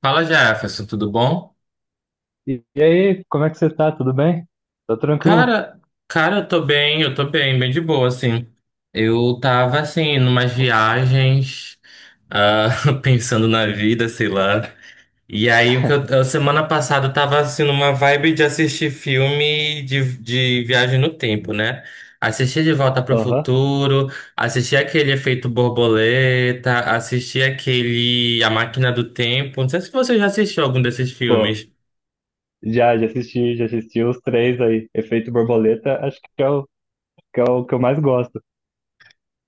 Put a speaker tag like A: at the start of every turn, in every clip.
A: Fala, Jefferson, tudo bom?
B: E aí, como é que você tá? Tudo bem? Tá tranquilo?
A: Cara, cara, eu tô bem, bem de boa, assim. Eu tava, assim, numas viagens, ah, pensando na
B: Sim.
A: vida, sei lá. E aí, a semana passada eu tava, assim, numa vibe de assistir filme de viagem no tempo, né? Assisti De Volta pro
B: Aham.
A: Futuro, assisti aquele Efeito Borboleta, assisti aquele A Máquina do Tempo. Não sei se você já assistiu algum desses
B: Pô,
A: filmes.
B: já assisti os três aí. Efeito Borboleta, acho que é o que eu mais gosto.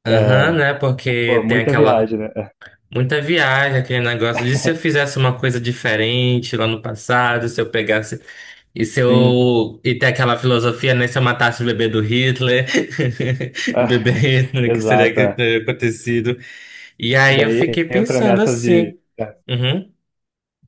A: Aham,
B: É,
A: né?
B: pô,
A: Porque tem
B: muita
A: aquela
B: viagem, né?
A: muita viagem, aquele negócio de se eu fizesse uma coisa diferente lá no passado, se eu pegasse e se
B: Sim.
A: eu e tem aquela filosofia, né? Se eu matasse o bebê do Hitler, o
B: Ah,
A: bebê Hitler, o que seria
B: exato,
A: que
B: é.
A: teria acontecido? E
B: E
A: aí eu
B: daí
A: fiquei
B: entra
A: pensando
B: nessas de.
A: assim. Uhum.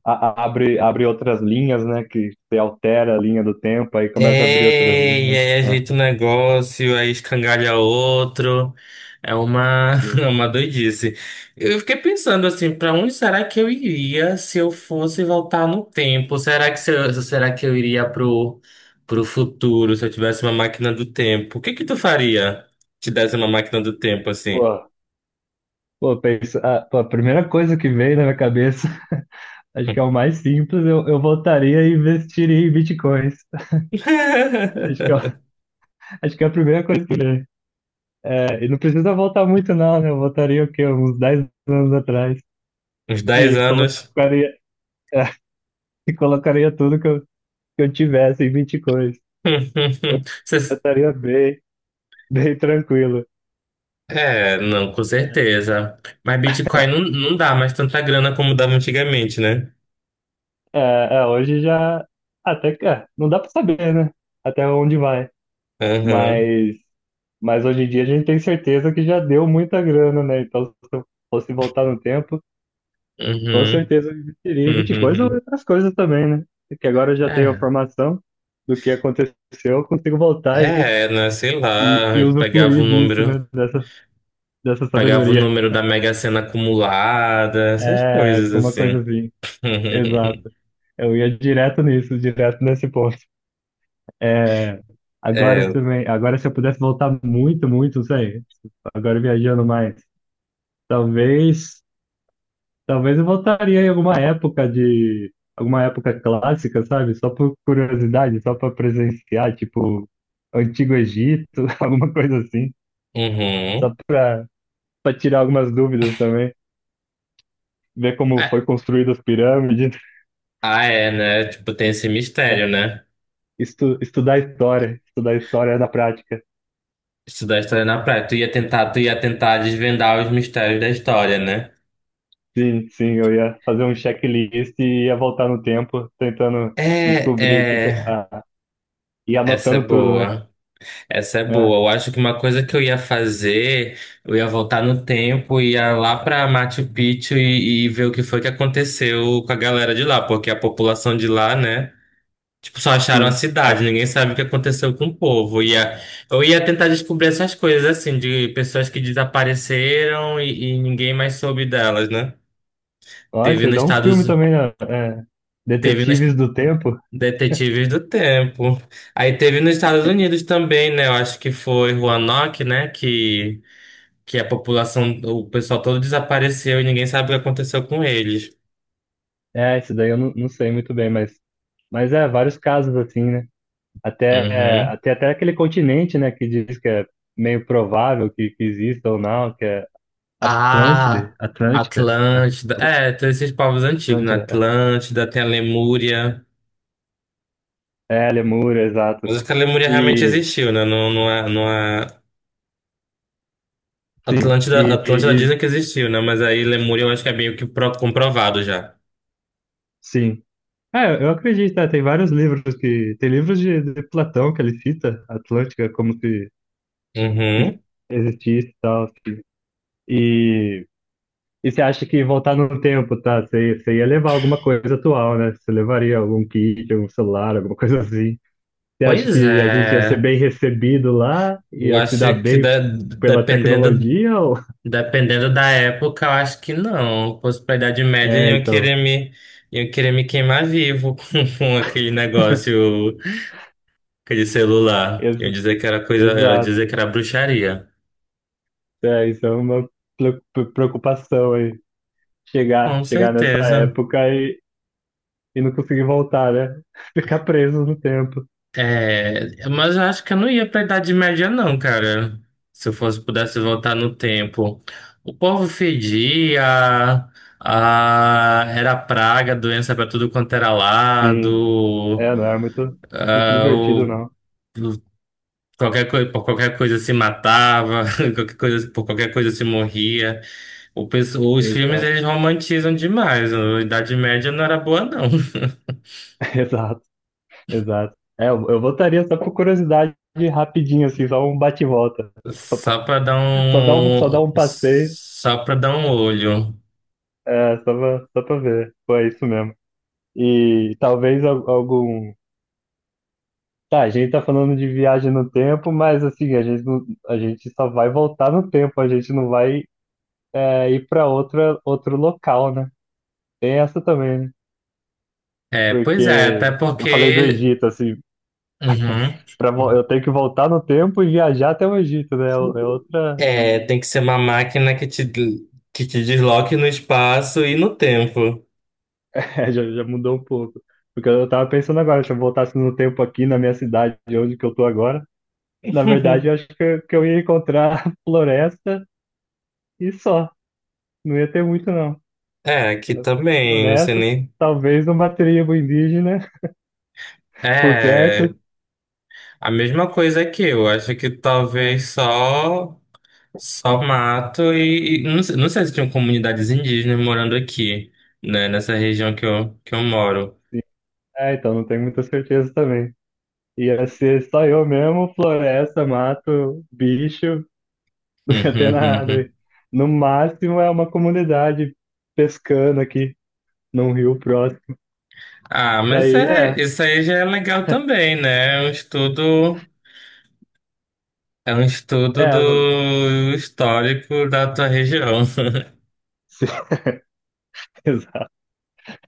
B: Abre outras linhas, né? Que você altera a linha do tempo, aí começa a abrir outras
A: É, e
B: linhas.
A: aí
B: É,
A: ajeita um negócio, aí escangalha outro. É uma,
B: sim.
A: é uma doidice. Eu fiquei pensando assim, pra onde será que eu iria se eu fosse voltar no tempo? Será que se eu- Será que eu iria pro futuro se eu tivesse uma máquina do tempo? O que que tu faria se te desse uma máquina do tempo assim?
B: Pô, pô, pensa, ah, pô, a primeira coisa que veio na minha cabeça. Acho que é o mais simples. Eu voltaria e investiria em bitcoins. Acho que, é, o- acho que é a primeira coisa que vem. É, e não precisa voltar muito, não, né? Eu voltaria o quê? Uns 10 anos atrás.
A: Uns dez
B: E
A: anos.
B: colocaria, e colocaria tudo que eu, tivesse em bitcoins. Eu
A: Você.
B: estaria bem, bem tranquilo.
A: É, não, com certeza. Mas Bitcoin não, não dá mais tanta grana como dava antigamente, né?
B: É, é, hoje já. Até que. Não dá para saber, né? Até onde vai.
A: Aham,
B: Mas. Mas hoje em dia a gente tem certeza que já deu muita grana, né? Então, se eu fosse voltar no tempo. Com
A: uhum,
B: certeza eu investiria em
A: uhum,
B: Bitcoins ou
A: uhum.
B: outras coisas também, né? Porque agora eu já tenho a
A: É,
B: informação do que aconteceu, eu consigo voltar e,
A: é, né, sei
B: e,
A: lá,
B: e
A: pegava o
B: usufruir disso,
A: número,
B: né? Dessa
A: pegava o
B: sabedoria.
A: número da Mega Sena acumulada, essas
B: É,
A: coisas
B: alguma coisa
A: assim.
B: assim. Exato. Eu ia direto nisso, direto nesse ponto. É, agora
A: É,
B: também, agora se eu pudesse voltar muito, muito, não sei, agora viajando mais, talvez. Talvez eu voltaria em alguma época de. Alguma época clássica, sabe? Só por curiosidade, só para presenciar, tipo, Antigo Egito, alguma coisa assim.
A: uhum.
B: Só para tirar algumas dúvidas também. Ver como foi
A: É.
B: construída as pirâmides.
A: Ah, é, né? Tipo, tem esse
B: Né?
A: mistério, né?
B: Estudar história. Estudar história na prática.
A: Estudar a história na praia. Tu ia tentar desvendar os mistérios da história, né?
B: Sim, sim, eu ia fazer um checklist e ia voltar no tempo, tentando
A: É,
B: descobrir o que que.
A: é,
B: Ah, e
A: essa é
B: anotando tudo, né?
A: boa. Essa é
B: É,
A: boa. Eu acho que uma coisa que eu ia fazer, eu ia voltar no tempo, ia lá pra Machu Picchu e ver o que foi que aconteceu com a galera de lá, porque a população de lá, né? Tipo, só acharam a
B: sim. É,
A: cidade, ninguém sabe o que aconteceu com o povo. Eu ia tentar descobrir essas coisas, assim, de pessoas que desapareceram e ninguém mais soube delas, né?
B: ó, isso
A: Teve
B: aí
A: nos
B: dá um filme
A: Estados,
B: também, né? É,
A: Teve nos
B: Detetives do Tempo.
A: Detetives do Tempo. Aí teve nos Estados Unidos também, né? Eu acho que foi Roanoke, né? Que a população, o pessoal todo desapareceu e ninguém sabe o que aconteceu com eles.
B: É, isso daí eu não sei muito bem, mas, mas vários casos assim, né? Até, é,
A: Uhum.
B: até, até aquele continente, né, que diz que é meio provável que exista ou não, que é Atlântide,
A: Ah,
B: Atlântica,
A: Atlântida. É, tem esses povos antigos, né?
B: Atlântida,
A: Atlântida, tem a Lemúria.
B: Lemúria, exato.
A: Mas acho que a Lemúria realmente
B: E,
A: existiu, né? Não, não é.
B: sim,
A: Atlântida,
B: e,
A: Atlântida
B: e- e-
A: dizem que existiu, né? Mas aí Lemúria eu acho que é meio que comprovado já.
B: sim. É, eu acredito, né, tem vários livros que, tem livros de Platão que ele cita Atlântica como se
A: Uhum.
B: existisse e tal, assim. E, e você acha que voltar no tempo, tá? Você ia levar alguma coisa atual, né? Você levaria algum kit, algum celular, alguma coisa assim. Você acha
A: Pois
B: que a gente ia ser
A: é.
B: bem recebido lá?
A: Eu
B: Ia se dar
A: acho que
B: bem pela
A: dependendo.
B: tecnologia? Ou...
A: Dependendo da época, eu acho que não. Fosse pra Idade Média,
B: é,
A: iam
B: então.
A: querer me, iam querer me queimar vivo com aquele negócio, aquele celular.
B: Ex
A: Iam dizer que era coisa, era dizer
B: exato.
A: que era bruxaria.
B: É, isso é uma preocupação aí. Chegar,
A: Com
B: chegar nessa
A: certeza.
B: época e não conseguir voltar, né? Ficar preso no tempo.
A: É, mas eu acho que eu não ia pra Idade Média, não, cara. Se eu fosse, pudesse voltar no tempo. O povo fedia, era praga, doença pra tudo quanto era
B: Sim.
A: lado.
B: É, não é muito, muito
A: Ah,
B: divertido, não.
A: qualquer coisa, por qualquer coisa se matava, qualquer coisa, por qualquer coisa se morria. O pessoal, os filmes
B: Exato,
A: eles romantizam demais. A Idade Média não era boa, não.
B: exato. Exato. É, eu votaria só por curiosidade rapidinho, assim, só um bate-volta. Só, pra-
A: Só para dar
B: só dá um, só dá
A: um,
B: um passeio,
A: só para dar um olho.
B: é, só pra ver. Pô, é isso mesmo. E talvez algum. Tá, a gente tá falando de viagem no tempo, mas assim, a gente só vai voltar no tempo, a gente não vai ir pra outra, outro local, né? Tem essa também, né?
A: É, pois é, até
B: Porque eu falei do
A: porque.
B: Egito, assim,
A: Uhum.
B: eu tenho que voltar no tempo e viajar até o Egito, né? É outra.
A: É, tem que ser uma máquina que te desloque no espaço e no tempo.
B: É, já mudou um pouco. Porque eu tava pensando agora, se eu voltasse no tempo aqui na minha cidade, de onde que eu tô agora, na verdade eu acho que eu ia encontrar floresta e só. Não ia ter muito, não.
A: É, aqui
B: É,
A: também, não sei
B: floresta,
A: nem.
B: talvez uma tribo indígena por
A: É.
B: perto.
A: A mesma coisa que eu, acho que
B: É,
A: talvez só mato e não sei se tinham comunidades indígenas morando aqui, né, nessa região que eu moro.
B: sim. É, então não tenho muita certeza também. Ia ser só eu mesmo, floresta, mato, bicho, não ia ter nada aí. No máximo é uma comunidade pescando aqui num rio próximo.
A: Ah, mas
B: Daí, é.
A: é, isso aí já é legal também, né? é um estudo,
B: É, mano.
A: do histórico da tua região.
B: Se- Exato.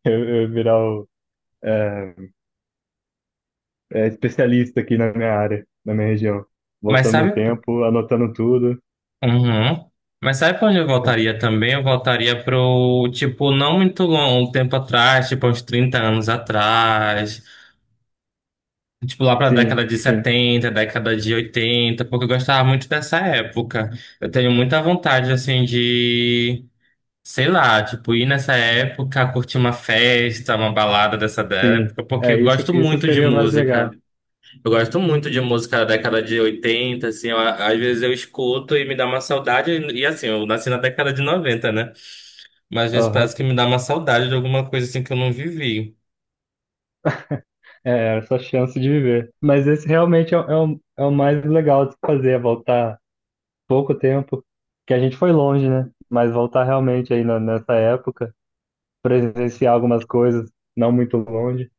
B: Eu virar o é, especialista aqui na minha área, na minha região.
A: Mas
B: Voltando no
A: sabe.
B: tempo, anotando tudo.
A: Uhum. Mas sabe pra onde eu voltaria também? Eu voltaria pro, tipo, não muito longo, um tempo atrás, tipo, uns 30 anos atrás. Tipo, lá pra década
B: Sim,
A: de
B: sim,
A: 70, década de 80, porque eu gostava muito dessa época. Eu tenho muita vontade, assim, de, sei lá, tipo, ir nessa época, curtir uma festa, uma balada dessa
B: sim.
A: época, porque
B: É,
A: eu
B: isso,
A: gosto
B: isso
A: muito de
B: seria o mais
A: música.
B: legal.
A: Eu gosto muito de música da década de 80, assim, às vezes eu escuto e me dá uma saudade, e assim, eu nasci na década de 90, né? Mas às vezes
B: Aham.
A: parece que me dá uma saudade de alguma coisa, assim, que eu não vivi.
B: É, essa chance de viver. Mas esse realmente é, é o mais legal de se fazer, é voltar pouco tempo, que a gente foi longe, né? Mas voltar realmente aí nessa época, presenciar algumas coisas, não muito longe,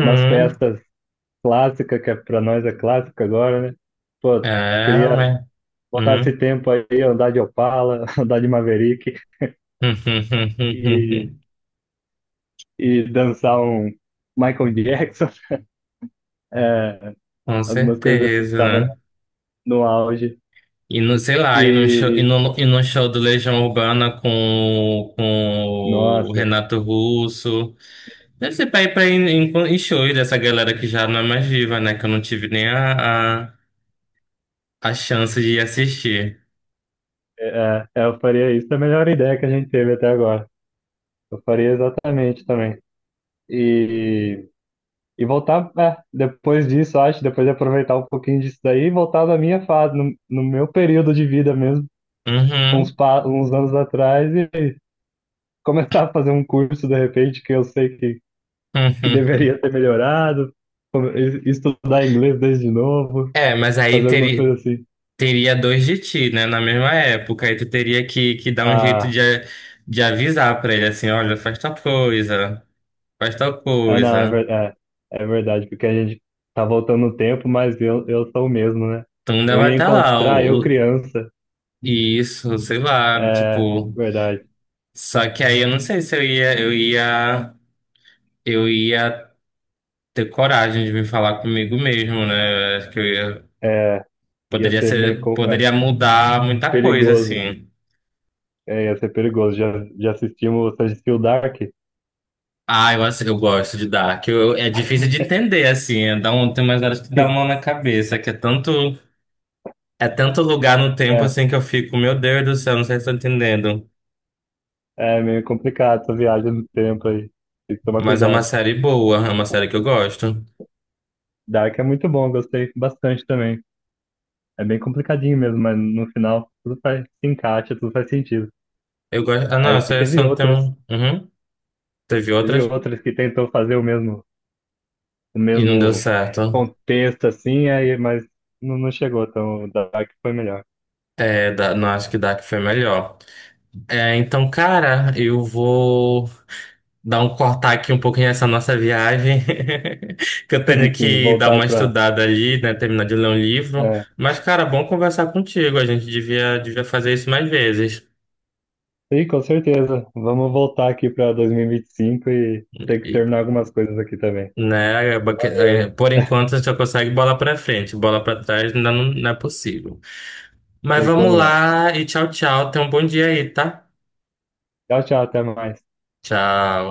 B: umas festas clássica, que é, pra nós é clássica agora, né? Pô,
A: é,
B: queria
A: né?
B: botar esse tempo aí, andar de Opala, andar de Maverick e, e dançar um Michael Jackson, é,
A: Com
B: algumas coisas assim que
A: certeza,
B: estavam
A: né?
B: no auge.
A: E no, sei lá, e no show, e
B: E,
A: no, e no show do Legião Urbana com o
B: nossa,
A: Renato Russo. Deve ser pra ir em shows dessa galera que já não é mais viva, né? Que eu não tive nem a chance de ir assistir.
B: eu faria isso, é a melhor ideia que a gente teve até agora. Eu faria exatamente também. E, e voltar, depois disso, acho, depois de aproveitar um pouquinho disso daí, e voltar na minha fase, no meu período de vida mesmo,
A: Uhum,
B: uns,
A: uhum.
B: pa- uns anos atrás e começar a fazer um curso de repente que eu sei que deveria ter melhorado, estudar inglês desde novo,
A: É, mas aí
B: fazer algumas
A: teria,
B: coisas assim.
A: teria dois de ti, né? Na mesma época. Aí tu teria que dar um jeito
B: Ah,
A: de, de avisar pra ele assim, olha, faz tal coisa, faz tal
B: ah não, é,
A: coisa.
B: é verdade, porque a gente tá voltando no tempo, mas eu sou o mesmo, né?
A: Tu
B: Eu
A: vai
B: ia
A: estar lá,
B: encontrar eu criança,
A: isso, sei lá,
B: é
A: tipo.
B: verdade,
A: Só que aí eu não sei se eu ia ter coragem de vir falar comigo mesmo, né? Eu acho que
B: é, ia
A: poderia
B: ser meio
A: ser, poderia mudar muita coisa,
B: perigoso,
A: assim.
B: ia ser perigoso. Já assistimos, você assistiu Dark?
A: Ah, eu gosto de Dark. É difícil de entender, assim. É, tem umas horas que dá uma na cabeça, que é tanto lugar no tempo,
B: É,
A: assim, que eu fico, meu Deus do céu, não sei se eu tô entendendo.
B: É meio complicado essa viagem no tempo aí. Tem que tomar
A: Mas é uma
B: cuidado.
A: série boa, é uma série que eu gosto.
B: Dark é muito bom, gostei bastante também. É bem complicadinho mesmo, mas no final tudo faz, se encaixa, tudo faz sentido.
A: Eu gosto. Ah, não,
B: Aí
A: essa é só tem um. Uhum. Teve
B: teve
A: outras
B: outras que tentou fazer o
A: e não deu
B: mesmo
A: certo.
B: contexto assim, aí, mas não chegou, então o Dark foi melhor.
A: É, não acho que Dark foi melhor. É, então, cara, eu vou dar um cortar aqui um pouquinho nessa nossa viagem. Que eu
B: Sim,
A: tenho
B: sim,
A: que dar
B: voltar
A: uma
B: pra.
A: estudada ali, né? Terminar de ler um livro.
B: É.
A: Mas, cara, bom conversar contigo. A gente devia fazer isso mais vezes.
B: Sim, com certeza. Vamos voltar aqui pra 2025 e 25 e ter que
A: E,
B: terminar algumas coisas aqui também.
A: né?
B: Valeu, hein?
A: Por enquanto, a gente só consegue bola pra frente. Bola pra trás ainda não, não é possível. Mas
B: Tem
A: vamos
B: como não.
A: lá e tchau, tchau. Tenha um bom dia aí, tá?
B: Tchau, tchau, até mais.
A: Tchau.